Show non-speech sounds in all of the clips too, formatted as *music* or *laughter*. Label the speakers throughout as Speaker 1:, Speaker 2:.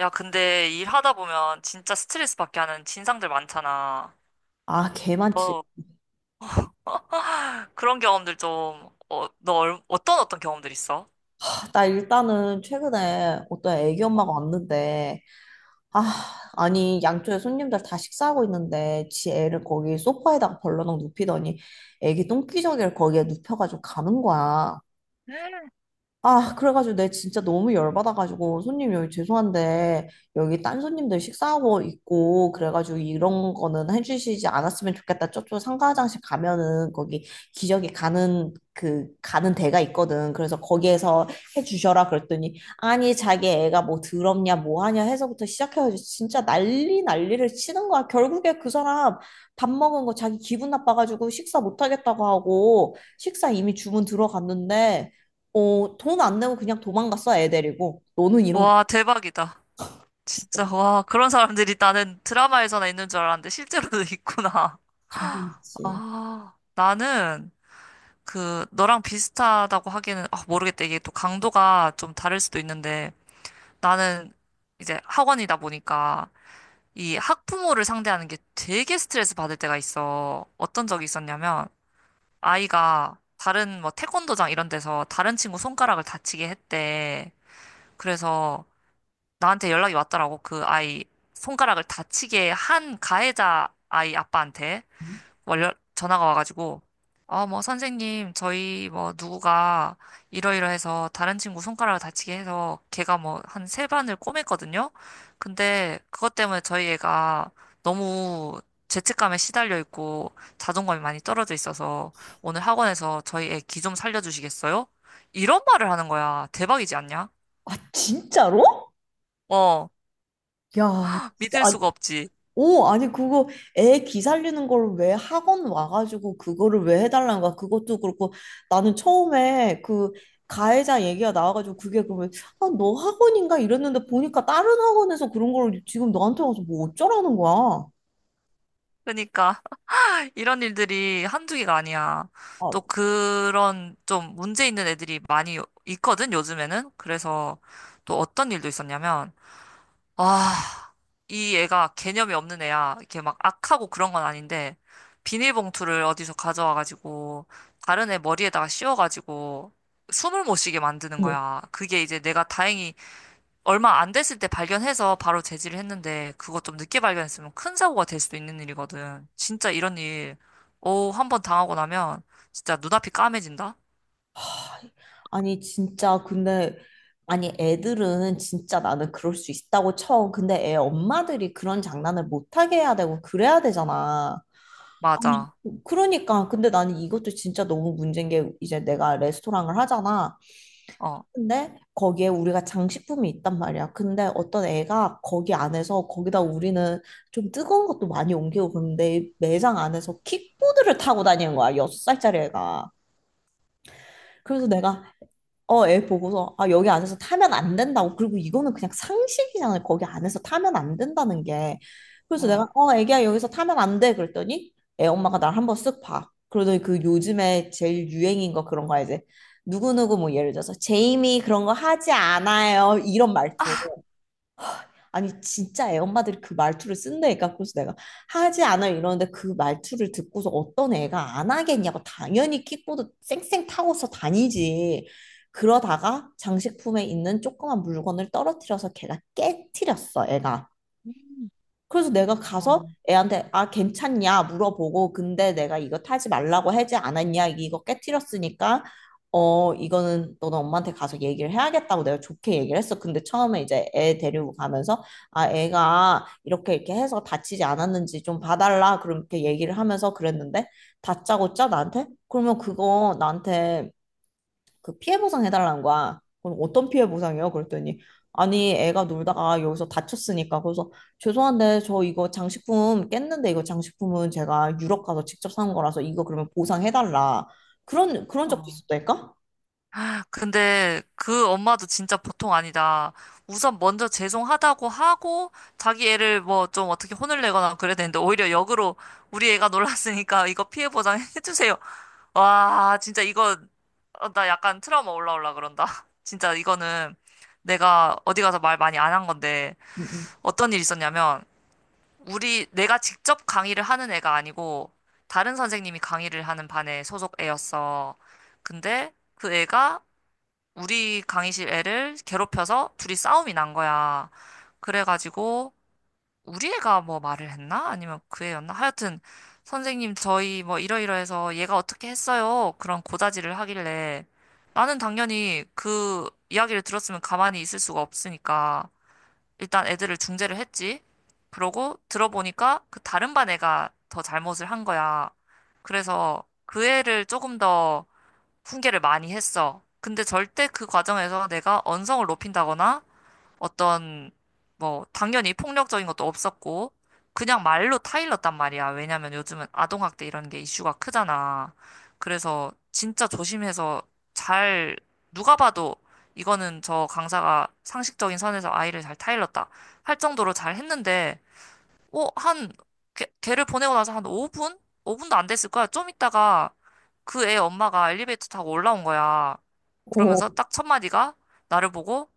Speaker 1: 야, 근데 일하다 보면 진짜 스트레스 받게 하는 진상들 많잖아.
Speaker 2: 아, 개 많지.
Speaker 1: 너 *laughs* 그런 경험들 좀, 어떤 경험들 있어?
Speaker 2: 아, 나 일단은 최근에 어떤 애기
Speaker 1: 어.
Speaker 2: 엄마가 왔는데, 아, 아니, 양쪽에 손님들 다 식사하고 있는데, 지 애를 거기 소파에다가 벌러덩 눕히더니, 애기 똥기저귀를 거기에 눕혀가지고 가는 거야. 아, 그래가지고 내 진짜 너무 열받아가지고 손님 여기 죄송한데 여기 딴 손님들 식사하고 있고 그래가지고 이런 거는 해주시지 않았으면 좋겠다. 저쪽 상가 화장실 가면은 거기 기저귀 가는 가는 데가 있거든. 그래서 거기에서 해주셔라 그랬더니 아니 자기 애가 뭐 더럽냐 뭐 하냐 해서부터 시작해가지고 진짜 난리를 치는 거야. 결국에 그 사람 밥 먹은 거 자기 기분 나빠가지고 식사 못 하겠다고 하고 식사 이미 주문 들어갔는데 돈 안 내고 그냥 도망갔어, 애 데리고. 너는 이런 게
Speaker 1: 와, 대박이다. 진짜,
Speaker 2: 진짜
Speaker 1: 와, 그런 사람들이 나는 드라마에서나 있는 줄 알았는데 실제로도 *laughs* 있구나.
Speaker 2: 당연하지.
Speaker 1: 아, 나는 그 너랑 비슷하다고 하기에는 아, 모르겠다. 이게 또 강도가 좀 다를 수도 있는데 나는 이제 학원이다 보니까 이 학부모를 상대하는 게 되게 스트레스 받을 때가 있어. 어떤 적이 있었냐면, 아이가 다른 뭐 태권도장 이런 데서 다른 친구 손가락을 다치게 했대. 그래서 나한테 연락이 왔더라고. 그 아이 손가락을 다치게 한 가해자 아이 아빠한테. 월 전화가 와가지고 뭐 선생님 저희 뭐 누구가 이러이러해서 다른 친구 손가락을 다치게 해서 걔가 뭐 한 세 반을 꼬맸거든요. 근데 그것 때문에 저희 애가 너무 죄책감에 시달려 있고 자존감이 많이 떨어져 있어서 오늘 학원에서 저희 애 기 좀 살려주시겠어요? 이런 말을 하는 거야. 대박이지 않냐?
Speaker 2: 아, 진짜로?
Speaker 1: 어,
Speaker 2: 야, 진짜.
Speaker 1: 믿을
Speaker 2: 아,
Speaker 1: 수가 없지.
Speaker 2: 오, 아니, 그거 애 기 살리는 걸 왜 학원 와가지고 그거를 왜 해달라는 거야? 그것도 그렇고 나는 처음에 그 가해자 얘기가 나와가지고 그게 그러면 아, 너 학원인가? 이랬는데 보니까 다른 학원에서 그런 걸 지금 너한테 와서 뭐 어쩌라는 거야?
Speaker 1: 그러니까 이런 일들이 한두 개가 아니야.
Speaker 2: 아,
Speaker 1: 또 그런 좀 문제 있는 애들이 많이 있거든, 요즘에는. 그래서 또 어떤 일도 있었냐면, 아, 이 애가 개념이 없는 애야. 이렇게 막 악하고 그런 건 아닌데, 비닐봉투를 어디서 가져와가지고, 다른 애 머리에다가 씌워가지고, 숨을 못 쉬게 만드는
Speaker 2: 어머,
Speaker 1: 거야. 그게 이제 내가 다행히 얼마 안 됐을 때 발견해서 바로 제지를 했는데 그거 좀 늦게 발견했으면 큰 사고가 될 수도 있는 일이거든. 진짜 이런 일, 오, 한 번 당하고 나면 진짜 눈앞이 까매진다?
Speaker 2: 아니 진짜 근데 아니 애들은 진짜 나는 그럴 수 있다고 쳐. 근데 애 엄마들이 그런 장난을 못하게 해야 되고 그래야 되잖아. 아니,
Speaker 1: 맞아.
Speaker 2: 그러니까 근데 나는 이것도 진짜 너무 문제인 게 이제 내가 레스토랑을 하잖아.
Speaker 1: 어,
Speaker 2: 근데 거기에 우리가 장식품이 있단 말이야. 근데 어떤 애가 거기 안에서 거기다 우리는 좀 뜨거운 것도 많이 옮기고 그런데 매장 안에서 킥보드를 타고 다니는 거야. 여섯 살짜리 애가. 그래서 내가 애 보고서, 아, 여기 안에서 타면 안 된다고. 그리고 이거는 그냥 상식이잖아요. 거기 안에서 타면 안 된다는 게. 그래서
Speaker 1: 응.
Speaker 2: 내가, 애기야, 여기서 타면 안 돼. 그랬더니, 애 엄마가 날 한번 쓱 봐. 그러더니 그 요즘에 제일 유행인 거 그런 거 알지? 누구누구 뭐 예를 들어서, 제이미 그런 거 하지 않아요. 이런 말투. 아니 진짜 애 엄마들이 그 말투를 쓴다니까 그래서 내가 하지 않아 이러는데 그 말투를 듣고서 어떤 애가 안 하겠냐고 당연히 킥보드 쌩쌩 타고서 다니지 그러다가 장식품에 있는 조그만 물건을 떨어뜨려서 걔가 깨트렸어 애가 그래서 내가 가서 애한테 아 괜찮냐 물어보고 근데 내가 이거 타지 말라고 해지 않았냐 이거 깨트렸으니까 어 이거는 너는 엄마한테 가서 얘기를 해야겠다고 내가 좋게 얘기를 했어. 근데 처음에 이제 애 데리고 가면서 아 애가 이렇게 해서 다치지 않았는지 좀 봐달라 그렇게 얘기를 하면서 그랬는데 다짜고짜 나한테 그러면 그거 나한테 그 피해 보상 해달라는 거야. 그럼 어떤 피해 보상이요? 그랬더니 아니 애가 놀다가 여기서 다쳤으니까 그래서 죄송한데 저 이거 장식품 깼는데 이거 장식품은 제가 유럽 가서 직접 산 거라서 이거 그러면 보상해달라. 그런 적
Speaker 1: 어.
Speaker 2: 있었다니까?
Speaker 1: 근데 그 엄마도 진짜 보통 아니다. 우선 먼저 죄송하다고 하고 자기 애를 뭐 좀 어떻게 혼을 내거나 그래야 되는데 오히려 역으로 우리 애가 놀랐으니까 이거 피해 보상 *laughs* 해주세요. 와, 진짜 이거, 어, 나 약간 트라우마 올라올라 그런다. *laughs* 진짜 이거는 내가 어디 가서 말 많이 안 한 건데,
Speaker 2: 음, 음.
Speaker 1: 어떤 일이 있었냐면, 우리, 내가 직접 강의를 하는 애가 아니고, 다른 선생님이 강의를 하는 반에 소속 애였어. 근데 그 애가 우리 강의실 애를 괴롭혀서 둘이 싸움이 난 거야. 그래가지고, 우리 애가 뭐 말을 했나? 아니면 그 애였나? 하여튼, 선생님, 저희 뭐 이러이러해서 얘가 어떻게 했어요? 그런 고다지를 하길래 나는 당연히 그 이야기를 들었으면 가만히 있을 수가 없으니까 일단 애들을 중재를 했지. 그러고 들어보니까 그 다른 반 애가 더 잘못을 한 거야. 그래서 그 애를 조금 더 훈계를 많이 했어. 근데 절대 그 과정에서 내가 언성을 높인다거나 어떤 뭐 당연히 폭력적인 것도 없었고 그냥 말로 타일렀단 말이야. 왜냐면 요즘은 아동학대 이런 게 이슈가 크잖아. 그래서 진짜 조심해서 잘 누가 봐도 이거는 저 강사가 상식적인 선에서 아이를 잘 타일렀다 할 정도로 잘 했는데 한 걔를 보내고 나서 한 5분? 5분도 안 됐을 거야. 좀 있다가 그 애 엄마가 엘리베이터 타고 올라온 거야.
Speaker 2: 어
Speaker 1: 그러면서 딱 첫 마디가 나를 보고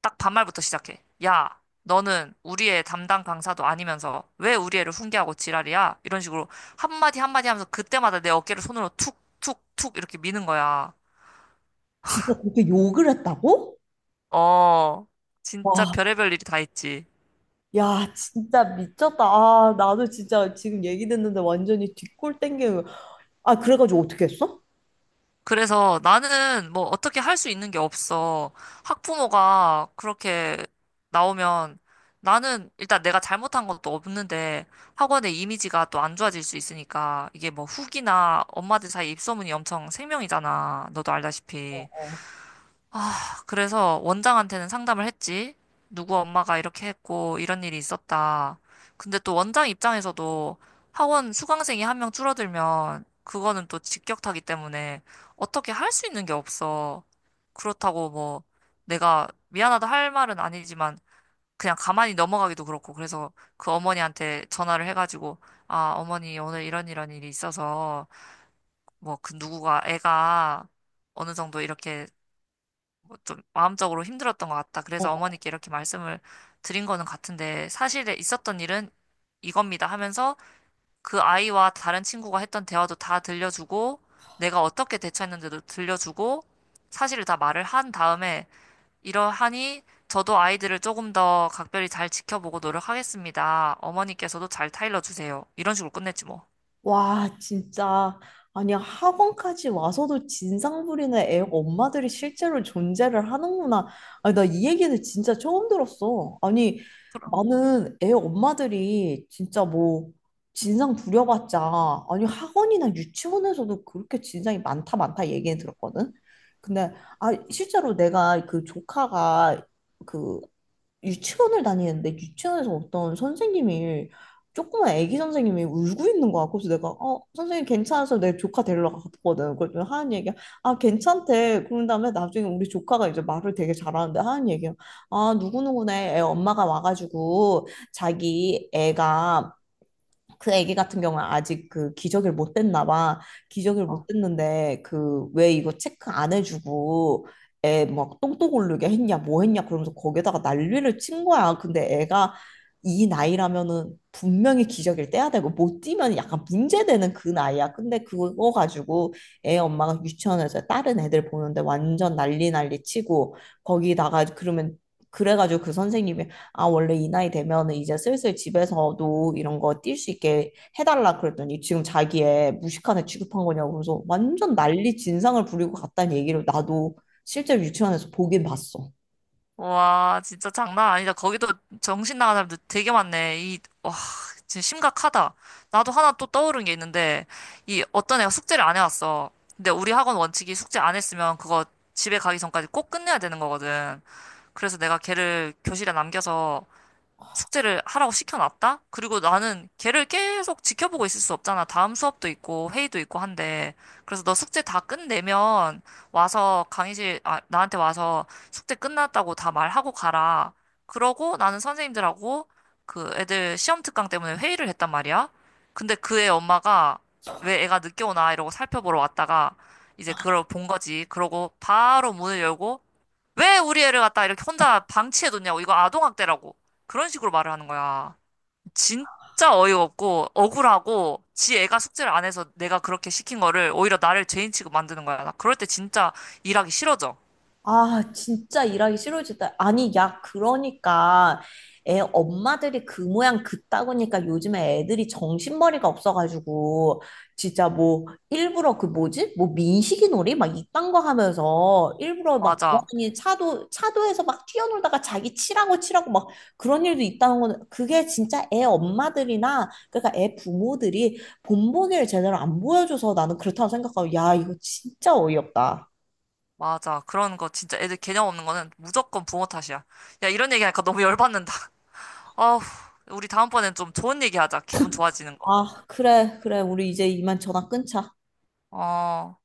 Speaker 1: 딱 반말부터 시작해. 야, 너는 우리의 담당 강사도 아니면서 왜 우리 애를 훈계하고 지랄이야? 이런 식으로 한마디 한마디 하면서 그때마다 내 어깨를 손으로 툭, 툭, 툭 이렇게 미는 거야.
Speaker 2: 진짜 그렇게 욕을 했다고?
Speaker 1: 어, 진짜
Speaker 2: 와,
Speaker 1: 별의별 일이 다 있지.
Speaker 2: 야, 진짜 미쳤다. 아, 나도 진짜 지금 얘기 듣는데 완전히 뒷골 땡기는 거야. 아, 그래가지고 어떻게 했어?
Speaker 1: 그래서 나는 뭐 어떻게 할 수 있는 게 없어. 학부모가 그렇게 나오면 나는 일단 내가 잘못한 것도 없는데 학원의 이미지가 또 안 좋아질 수 있으니까 이게 뭐 후기나 엄마들 사이 입소문이 엄청 생명이잖아. 너도 알다시피.
Speaker 2: 어.
Speaker 1: 아, 그래서 원장한테는 상담을 했지. 누구 엄마가 이렇게 했고, 이런 일이 있었다. 근데 또 원장 입장에서도 학원 수강생이 한 명 줄어들면 그거는 또 직격타기 때문에 어떻게 할 수 있는 게 없어. 그렇다고 뭐 내가 미안하다 할 말은 아니지만 그냥 가만히 넘어가기도 그렇고 그래서 그 어머니한테 전화를 해가지고 아, 어머니 오늘 이런 이런 일이 있어서 뭐 그 누구가 애가 어느 정도 이렇게 좀 마음적으로 힘들었던 것 같다. 그래서
Speaker 2: 어,
Speaker 1: 어머니께 이렇게 말씀을 드린 거는 같은데 사실에 있었던 일은 이겁니다 하면서 그 아이와 다른 친구가 했던 대화도 다 들려주고 내가 어떻게 대처했는지도 들려주고 사실을 다 말을 한 다음에 이러하니 저도 아이들을 조금 더 각별히 잘 지켜보고 노력하겠습니다. 어머니께서도 잘 타일러 주세요. 이런 식으로 끝냈지 뭐.
Speaker 2: 와, 진짜. 아니, 학원까지 와서도 진상 부리는 애 엄마들이 실제로 존재를 하는구나. 아니, 나 이 얘기는 진짜 처음 들었어. 아니, 나는 애 엄마들이 진짜 뭐, 진상 부려봤자, 아니, 학원이나 유치원에서도 그렇게 진상이 많다, 많다 얘기는 들었거든? 근데, 아, 실제로 내가 그 조카가 그 유치원을 다니는데, 유치원에서 어떤 선생님이 조그만 애기 선생님이 울고 있는 거야. 그래서 내가 어 선생님 괜찮아서 내 조카 데리러 갔거든. 그랬더니 하은 얘기야. 아 괜찮대. 그런 다음에 나중에 우리 조카가 이제 말을 되게 잘하는데 하은 얘기야. 아 누구누구네 애 엄마가 와가지고 자기 애가 그 애기 같은 경우는 아직 그 기저귀를 못 뗐나 봐. 기저귀를 못
Speaker 1: 어.
Speaker 2: 뗐는데 그 왜 이거 체크 안 해주고 애 막 똥똥 오르게 했냐 뭐 했냐 그러면서 거기다가 난리를 친 거야. 근데 애가 이 나이라면은 분명히 기저귀를 떼야 되고 못 떼면 약간 문제되는 그 나이야. 근데 그거 가지고 애 엄마가 유치원에서 다른 애들 보는데 완전 난리 치고 거기다가 그러면 그래가지고 그 선생님이 아, 원래 이 나이 되면은 이제 슬슬 집에서도 이런 거 뛸 수 있게 해달라 그랬더니 지금 자기의 무식한 애 취급한 거냐고 그래서 완전 난리 진상을 부리고 갔다는 얘기를 나도 실제로 유치원에서 보긴 봤어.
Speaker 1: 와, 진짜 장난 아니다. 거기도 정신 나간 사람들 되게 많네. 와, 진짜 심각하다. 나도 하나 또 떠오른 게 있는데, 이 어떤 애가 숙제를 안 해왔어. 근데 우리 학원 원칙이 숙제 안 했으면 그거 집에 가기 전까지 꼭 끝내야 되는 거거든. 그래서 내가 걔를 교실에 남겨서 숙제를 하라고 시켜놨다? 그리고 나는 걔를 계속 지켜보고 있을 수 없잖아. 다음 수업도 있고 회의도 있고 한데. 그래서 너 숙제 다 끝내면 와서 나한테 와서 숙제 끝났다고 다 말하고 가라. 그러고 나는 선생님들하고 그 애들 시험 특강 때문에 회의를 했단 말이야. 근데 그 애 엄마가 왜 애가 늦게 오나 이러고 살펴보러 왔다가 이제 그걸 본 거지. 그러고 바로 문을 열고 왜 우리 애를 갖다 이렇게 혼자 방치해뒀냐고. 이거 아동학대라고. 그런 식으로 말을 하는 거야. 진짜 어이없고, 억울하고, 지 애가 숙제를 안 해서 내가 그렇게 시킨 거를 오히려 나를 죄인 취급 만드는 거야. 나 그럴 때 진짜 일하기 싫어져.
Speaker 2: 아, 진짜 일하기 싫어지다. 아니, 야, 그러니까 애 엄마들이 그 모양 그따구니까 요즘에 애들이 정신머리가 없어가지고 진짜 뭐 일부러 그 뭐지? 뭐 민식이 놀이 막 이딴 거 하면서 일부러 막
Speaker 1: 맞아.
Speaker 2: 돌아다니 차도에서 막 뛰어놀다가 자기 치라고 막 그런 일도 있다는 거는 그게 진짜 애 엄마들이나 그러니까 애 부모들이 본보기를 제대로 안 보여줘서 나는 그렇다고 생각하고 야, 이거 진짜 어이없다.
Speaker 1: 맞아. 그런 거 진짜 애들 개념 없는 거는 무조건 부모 탓이야. 야, 이런 얘기하니까 너무 열받는다. *laughs* 어우, 우리 다음번엔 좀 좋은 얘기 하자. 기분 좋아지는 거.
Speaker 2: 아, 그래, 그래. 우리 이제 이만 전화 끊자.
Speaker 1: 어.